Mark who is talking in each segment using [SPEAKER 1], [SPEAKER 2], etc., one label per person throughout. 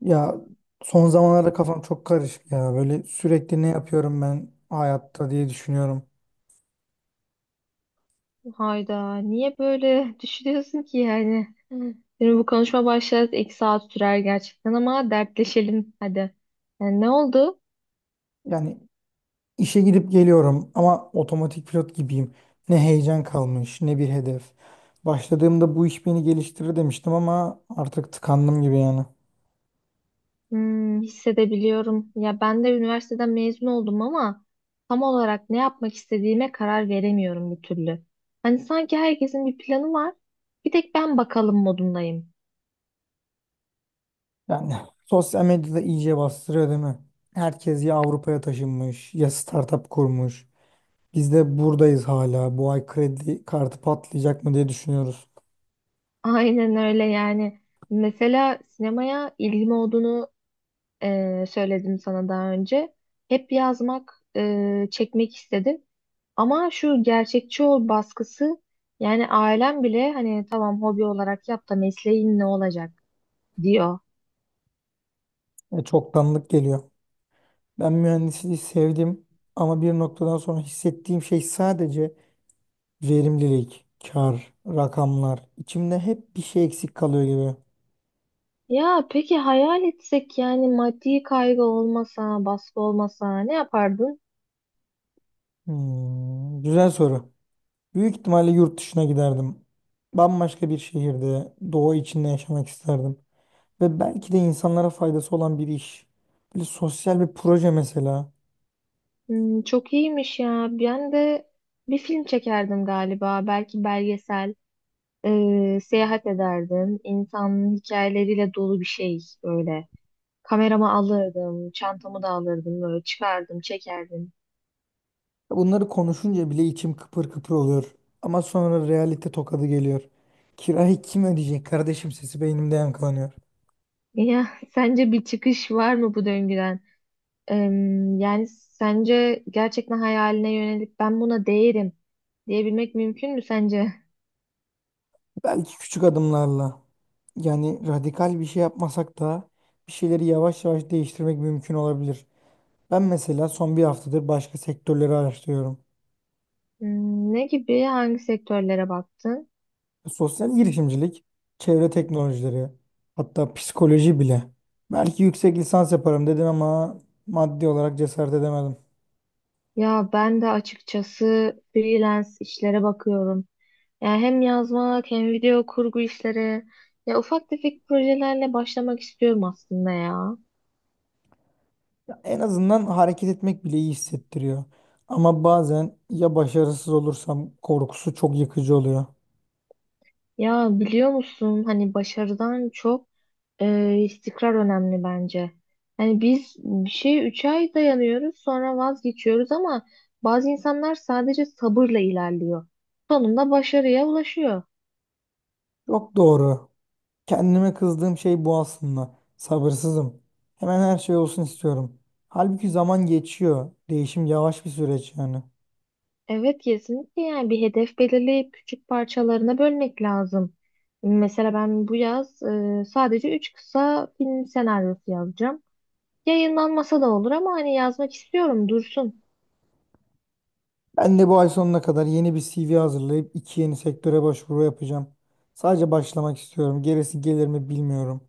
[SPEAKER 1] Ya son zamanlarda kafam çok karışık ya. Böyle sürekli ne yapıyorum ben hayatta diye düşünüyorum.
[SPEAKER 2] Hayda, niye böyle düşünüyorsun ki yani? Şimdi bu konuşma başlar 2 saat sürer gerçekten ama dertleşelim hadi. Yani ne oldu?
[SPEAKER 1] Yani işe gidip geliyorum ama otomatik pilot gibiyim. Ne heyecan kalmış, ne bir hedef. Başladığımda bu iş beni geliştirir demiştim ama artık tıkandım gibi yani.
[SPEAKER 2] Hmm, hissedebiliyorum. Ya ben de üniversiteden mezun oldum ama tam olarak ne yapmak istediğime karar veremiyorum bir türlü. Hani sanki herkesin bir planı var. Bir tek ben bakalım modundayım.
[SPEAKER 1] Yani sosyal medyada iyice bastırıyor değil mi? Herkes ya Avrupa'ya taşınmış ya startup kurmuş. Biz de buradayız hala. Bu ay kredi kartı patlayacak mı diye düşünüyoruz.
[SPEAKER 2] Aynen öyle yani. Mesela sinemaya ilgim olduğunu söyledim sana daha önce. Hep yazmak, çekmek istedim. Ama şu gerçekçi ol baskısı yani ailem bile hani tamam hobi olarak yap da mesleğin ne olacak diyor.
[SPEAKER 1] Çoktanlık geliyor. Ben mühendisliği sevdim ama bir noktadan sonra hissettiğim şey sadece verimlilik, kar, rakamlar. İçimde hep bir şey eksik kalıyor gibi.
[SPEAKER 2] Ya peki hayal etsek yani maddi kaygı olmasa, baskı olmasa ne yapardın?
[SPEAKER 1] Hmm, güzel soru. Büyük ihtimalle yurt dışına giderdim. Bambaşka bir şehirde, doğa içinde yaşamak isterdim. Ve belki de insanlara faydası olan bir iş. Böyle sosyal bir proje mesela.
[SPEAKER 2] Hmm, çok iyiymiş ya. Ben de bir film çekerdim galiba. Belki belgesel, seyahat ederdim. İnsanın hikayeleriyle dolu bir şey böyle. Kameramı alırdım, çantamı da alırdım, böyle çıkardım, çekerdim.
[SPEAKER 1] Bunları konuşunca bile içim kıpır kıpır oluyor. Ama sonra realite tokadı geliyor. Kirayı kim ödeyecek kardeşim sesi beynimde yankılanıyor.
[SPEAKER 2] Ya sence bir çıkış var mı bu döngüden? Yani sence gerçekten hayaline yönelip ben buna değerim diyebilmek mümkün mü sence?
[SPEAKER 1] Belki küçük adımlarla yani radikal bir şey yapmasak da bir şeyleri yavaş yavaş değiştirmek mümkün olabilir. Ben mesela son 1 haftadır başka sektörleri araştırıyorum.
[SPEAKER 2] Hmm, ne gibi, hangi sektörlere baktın?
[SPEAKER 1] Sosyal girişimcilik, çevre teknolojileri, hatta psikoloji bile. Belki yüksek lisans yaparım dedim ama maddi olarak cesaret edemedim.
[SPEAKER 2] Ya ben de açıkçası freelance işlere bakıyorum. Yani hem yazmak hem video kurgu işleri. Ya ufak tefek projelerle başlamak istiyorum aslında ya.
[SPEAKER 1] En azından hareket etmek bile iyi hissettiriyor. Ama bazen ya başarısız olursam korkusu çok yıkıcı oluyor.
[SPEAKER 2] Ya biliyor musun hani başarıdan çok istikrar önemli bence. Hani biz bir şeye 3 ay dayanıyoruz sonra vazgeçiyoruz ama bazı insanlar sadece sabırla ilerliyor. Sonunda başarıya ulaşıyor.
[SPEAKER 1] Çok doğru. Kendime kızdığım şey bu aslında. Sabırsızım. Hemen her şey olsun istiyorum. Halbuki zaman geçiyor. Değişim yavaş bir süreç yani.
[SPEAKER 2] Evet, kesinlikle yani bir hedef belirleyip küçük parçalarına bölmek lazım. Mesela ben bu yaz sadece 3 kısa film senaryosu yazacağım. Yayınlanmasa da olur ama hani yazmak istiyorum dursun.
[SPEAKER 1] Ben de bu ay sonuna kadar yeni bir CV hazırlayıp iki yeni sektöre başvuru yapacağım. Sadece başlamak istiyorum. Gerisi gelir mi bilmiyorum.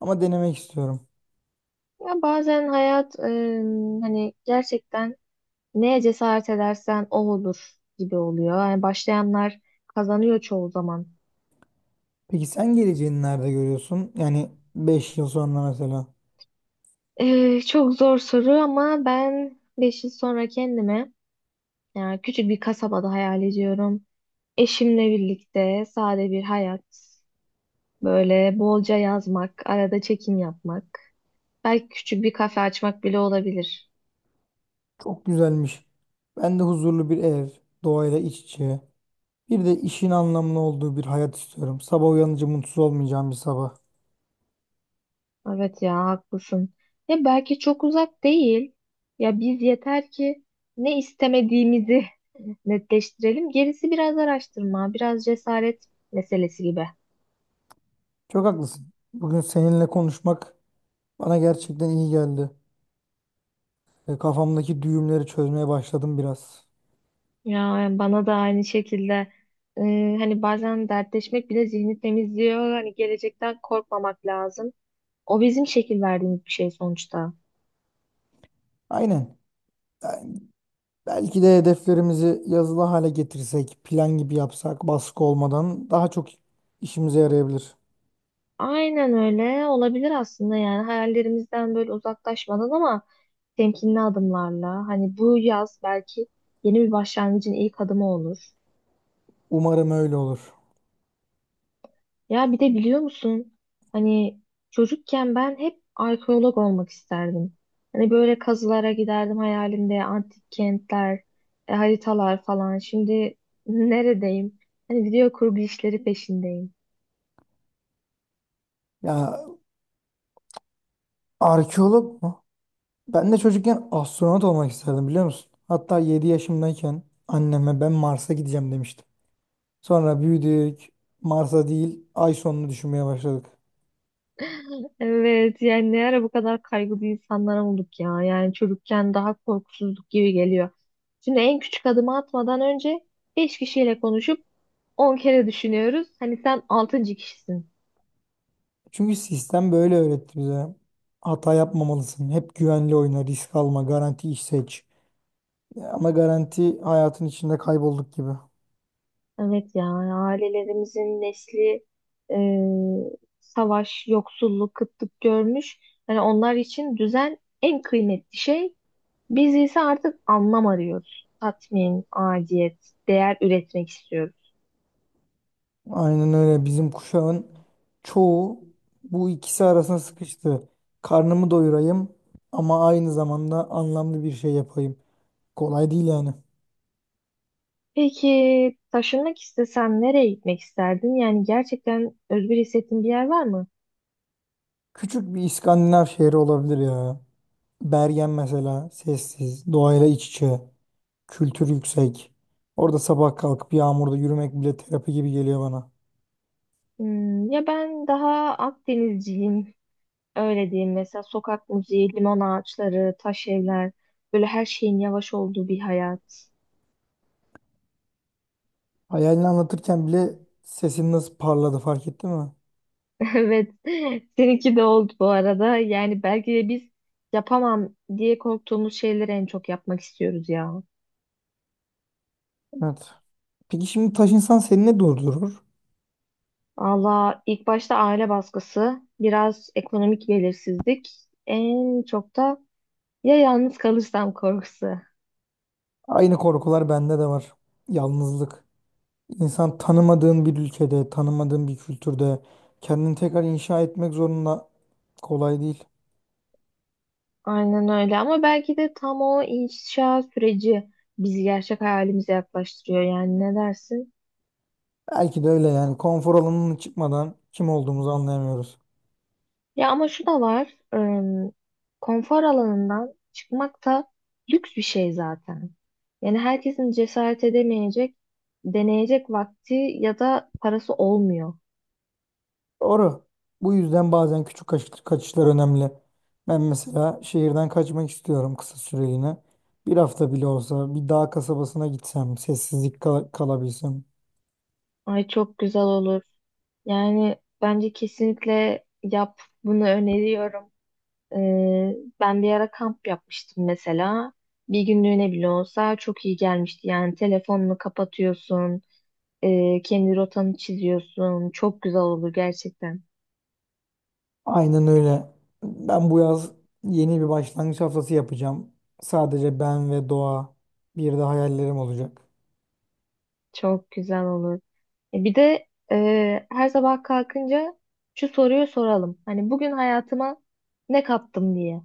[SPEAKER 1] Ama denemek istiyorum.
[SPEAKER 2] Ya bazen hayat hani gerçekten neye cesaret edersen o olur gibi oluyor. Yani başlayanlar kazanıyor çoğu zaman.
[SPEAKER 1] Peki sen geleceğini nerede görüyorsun? Yani 5 yıl sonra mesela.
[SPEAKER 2] Eh, çok zor soru ama ben 5 yıl sonra kendime yani küçük bir kasabada hayal ediyorum. Eşimle birlikte sade bir hayat, böyle bolca yazmak, arada çekim yapmak, belki küçük bir kafe açmak bile olabilir.
[SPEAKER 1] Çok güzelmiş. Ben de huzurlu bir ev, doğayla iç içe. Bir de işin anlamlı olduğu bir hayat istiyorum. Sabah uyanınca mutsuz olmayacağım bir sabah.
[SPEAKER 2] Evet ya, haklısın. Ya belki çok uzak değil. Ya biz yeter ki ne istemediğimizi netleştirelim. Gerisi biraz araştırma, biraz cesaret meselesi gibi.
[SPEAKER 1] Çok haklısın. Bugün seninle konuşmak bana gerçekten iyi geldi. Kafamdaki düğümleri çözmeye başladım biraz.
[SPEAKER 2] Ya bana da aynı şekilde e, hani bazen dertleşmek bile zihni temizliyor. Hani gelecekten korkmamak lazım. O bizim şekil verdiğimiz bir şey sonuçta.
[SPEAKER 1] Aynen. Yani belki de hedeflerimizi yazılı hale getirsek, plan gibi yapsak, baskı olmadan daha çok işimize yarayabilir.
[SPEAKER 2] Aynen öyle olabilir aslında, yani hayallerimizden böyle uzaklaşmadan ama temkinli adımlarla. Hani bu yaz belki yeni bir başlangıcın ilk adımı olur.
[SPEAKER 1] Umarım öyle olur.
[SPEAKER 2] Ya bir de biliyor musun? Hani çocukken ben hep arkeolog olmak isterdim. Hani böyle kazılara giderdim hayalimde, antik kentler, haritalar falan. Şimdi neredeyim? Hani video kurgu işleri peşindeyim.
[SPEAKER 1] Ya arkeolog mu? Ben de çocukken astronot olmak isterdim biliyor musun? Hatta 7 yaşımdayken anneme ben Mars'a gideceğim demiştim. Sonra büyüdük. Mars'a değil, ay sonunu düşünmeye başladık.
[SPEAKER 2] Evet yani, ne ara bu kadar kaygılı insanlara olduk ya. Yani çocukken daha korkusuzluk gibi geliyor. Şimdi en küçük adımı atmadan önce beş kişiyle konuşup on kere düşünüyoruz. Hani sen altıncı kişisin.
[SPEAKER 1] Çünkü sistem böyle öğretti bize. Hata yapmamalısın. Hep güvenli oyna, risk alma, garanti iş seç. Ama garanti hayatın içinde kaybolduk gibi.
[SPEAKER 2] Evet ya, ailelerimizin nesli e, savaş, yoksulluk, kıtlık görmüş. Yani onlar için düzen en kıymetli şey. Biz ise artık anlam arıyoruz. Tatmin, aciyet, değer üretmek istiyoruz.
[SPEAKER 1] Aynen öyle. Bizim kuşağın çoğu bu ikisi arasına sıkıştı. Karnımı doyurayım ama aynı zamanda anlamlı bir şey yapayım. Kolay değil yani.
[SPEAKER 2] Peki taşınmak istesen nereye gitmek isterdin? Yani gerçekten özgür hissettiğin bir yer var mı?
[SPEAKER 1] Küçük bir İskandinav şehri olabilir ya. Bergen mesela sessiz, doğayla iç içe. Kültür yüksek. Orada sabah kalkıp yağmurda yürümek bile terapi gibi geliyor bana.
[SPEAKER 2] Hmm, ya ben daha Akdenizciyim. Öyle diyeyim, mesela sokak müziği, limon ağaçları, taş evler, böyle her şeyin yavaş olduğu bir hayat.
[SPEAKER 1] Hayalini anlatırken bile sesin nasıl parladı fark ettin mi?
[SPEAKER 2] Evet, seninki de oldu bu arada. Yani belki de biz yapamam diye korktuğumuz şeyleri en çok yapmak istiyoruz ya.
[SPEAKER 1] Evet. Peki şimdi taş insan seni ne durdurur?
[SPEAKER 2] Valla ilk başta aile baskısı, biraz ekonomik belirsizlik, en çok da ya yalnız kalırsam korkusu.
[SPEAKER 1] Aynı korkular bende de var. Yalnızlık. İnsan tanımadığın bir ülkede, tanımadığın bir kültürde kendini tekrar inşa etmek zorunda kolay değil.
[SPEAKER 2] Aynen öyle, ama belki de tam o inşa süreci bizi gerçek hayalimize yaklaştırıyor, yani ne dersin?
[SPEAKER 1] Belki de öyle yani konfor alanının çıkmadan kim olduğumuzu anlayamıyoruz.
[SPEAKER 2] Ya ama şu da var. Konfor alanından çıkmak da lüks bir şey zaten. Yani herkesin cesaret edemeyecek, deneyecek vakti ya da parası olmuyor.
[SPEAKER 1] Doğru. Bu yüzden bazen küçük kaçışlar önemli. Ben mesela şehirden kaçmak istiyorum kısa süreliğine. 1 hafta bile olsa bir dağ kasabasına gitsem, sessizlik kalabilsem.
[SPEAKER 2] Ay, çok güzel olur. Yani bence kesinlikle yap. Bunu öneriyorum. Ee, ben bir ara kamp yapmıştım mesela. Bir günlüğüne bile olsa çok iyi gelmişti. Yani telefonunu kapatıyorsun, kendi rotanı çiziyorsun. Çok güzel olur gerçekten.
[SPEAKER 1] Aynen öyle. Ben bu yaz yeni bir başlangıç haftası yapacağım. Sadece ben ve doğa. Bir de hayallerim olacak.
[SPEAKER 2] Çok güzel olur. Bir de her sabah kalkınca şu soruyu soralım. Hani bugün hayatıma ne kattım diye.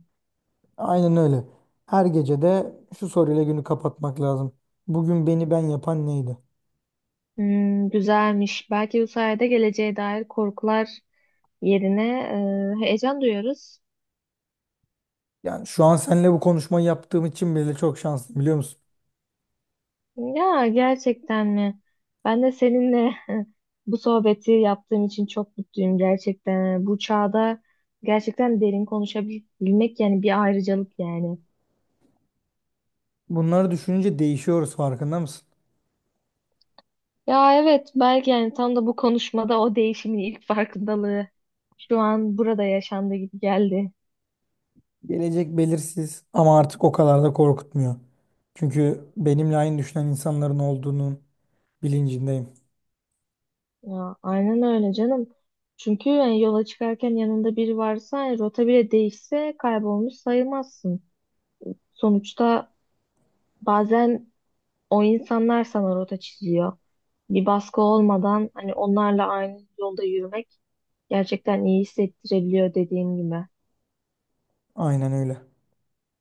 [SPEAKER 1] Aynen öyle. Her gece de şu soruyla günü kapatmak lazım. Bugün beni ben yapan neydi?
[SPEAKER 2] Hmm, güzelmiş. Belki bu sayede geleceğe dair korkular yerine heyecan duyuyoruz.
[SPEAKER 1] Yani şu an seninle bu konuşmayı yaptığım için bile çok şanslıyım biliyor musun?
[SPEAKER 2] Ya, gerçekten mi? Ben de seninle bu sohbeti yaptığım için çok mutluyum gerçekten. Bu çağda gerçekten derin konuşabilmek yani bir ayrıcalık yani.
[SPEAKER 1] Bunları düşününce değişiyoruz farkında mısın?
[SPEAKER 2] Ya evet, belki yani tam da bu konuşmada o değişimin ilk farkındalığı şu an burada yaşandı gibi geldi.
[SPEAKER 1] Gelecek belirsiz ama artık o kadar da korkutmuyor. Çünkü benimle aynı düşünen insanların olduğunun bilincindeyim.
[SPEAKER 2] Ya aynen öyle canım. Çünkü yani yola çıkarken yanında biri varsa yani rota bile değişse kaybolmuş sayılmazsın. Sonuçta bazen o insanlar sana rota çiziyor. Bir baskı olmadan hani onlarla aynı yolda yürümek gerçekten iyi hissettirebiliyor, dediğim gibi.
[SPEAKER 1] Aynen öyle.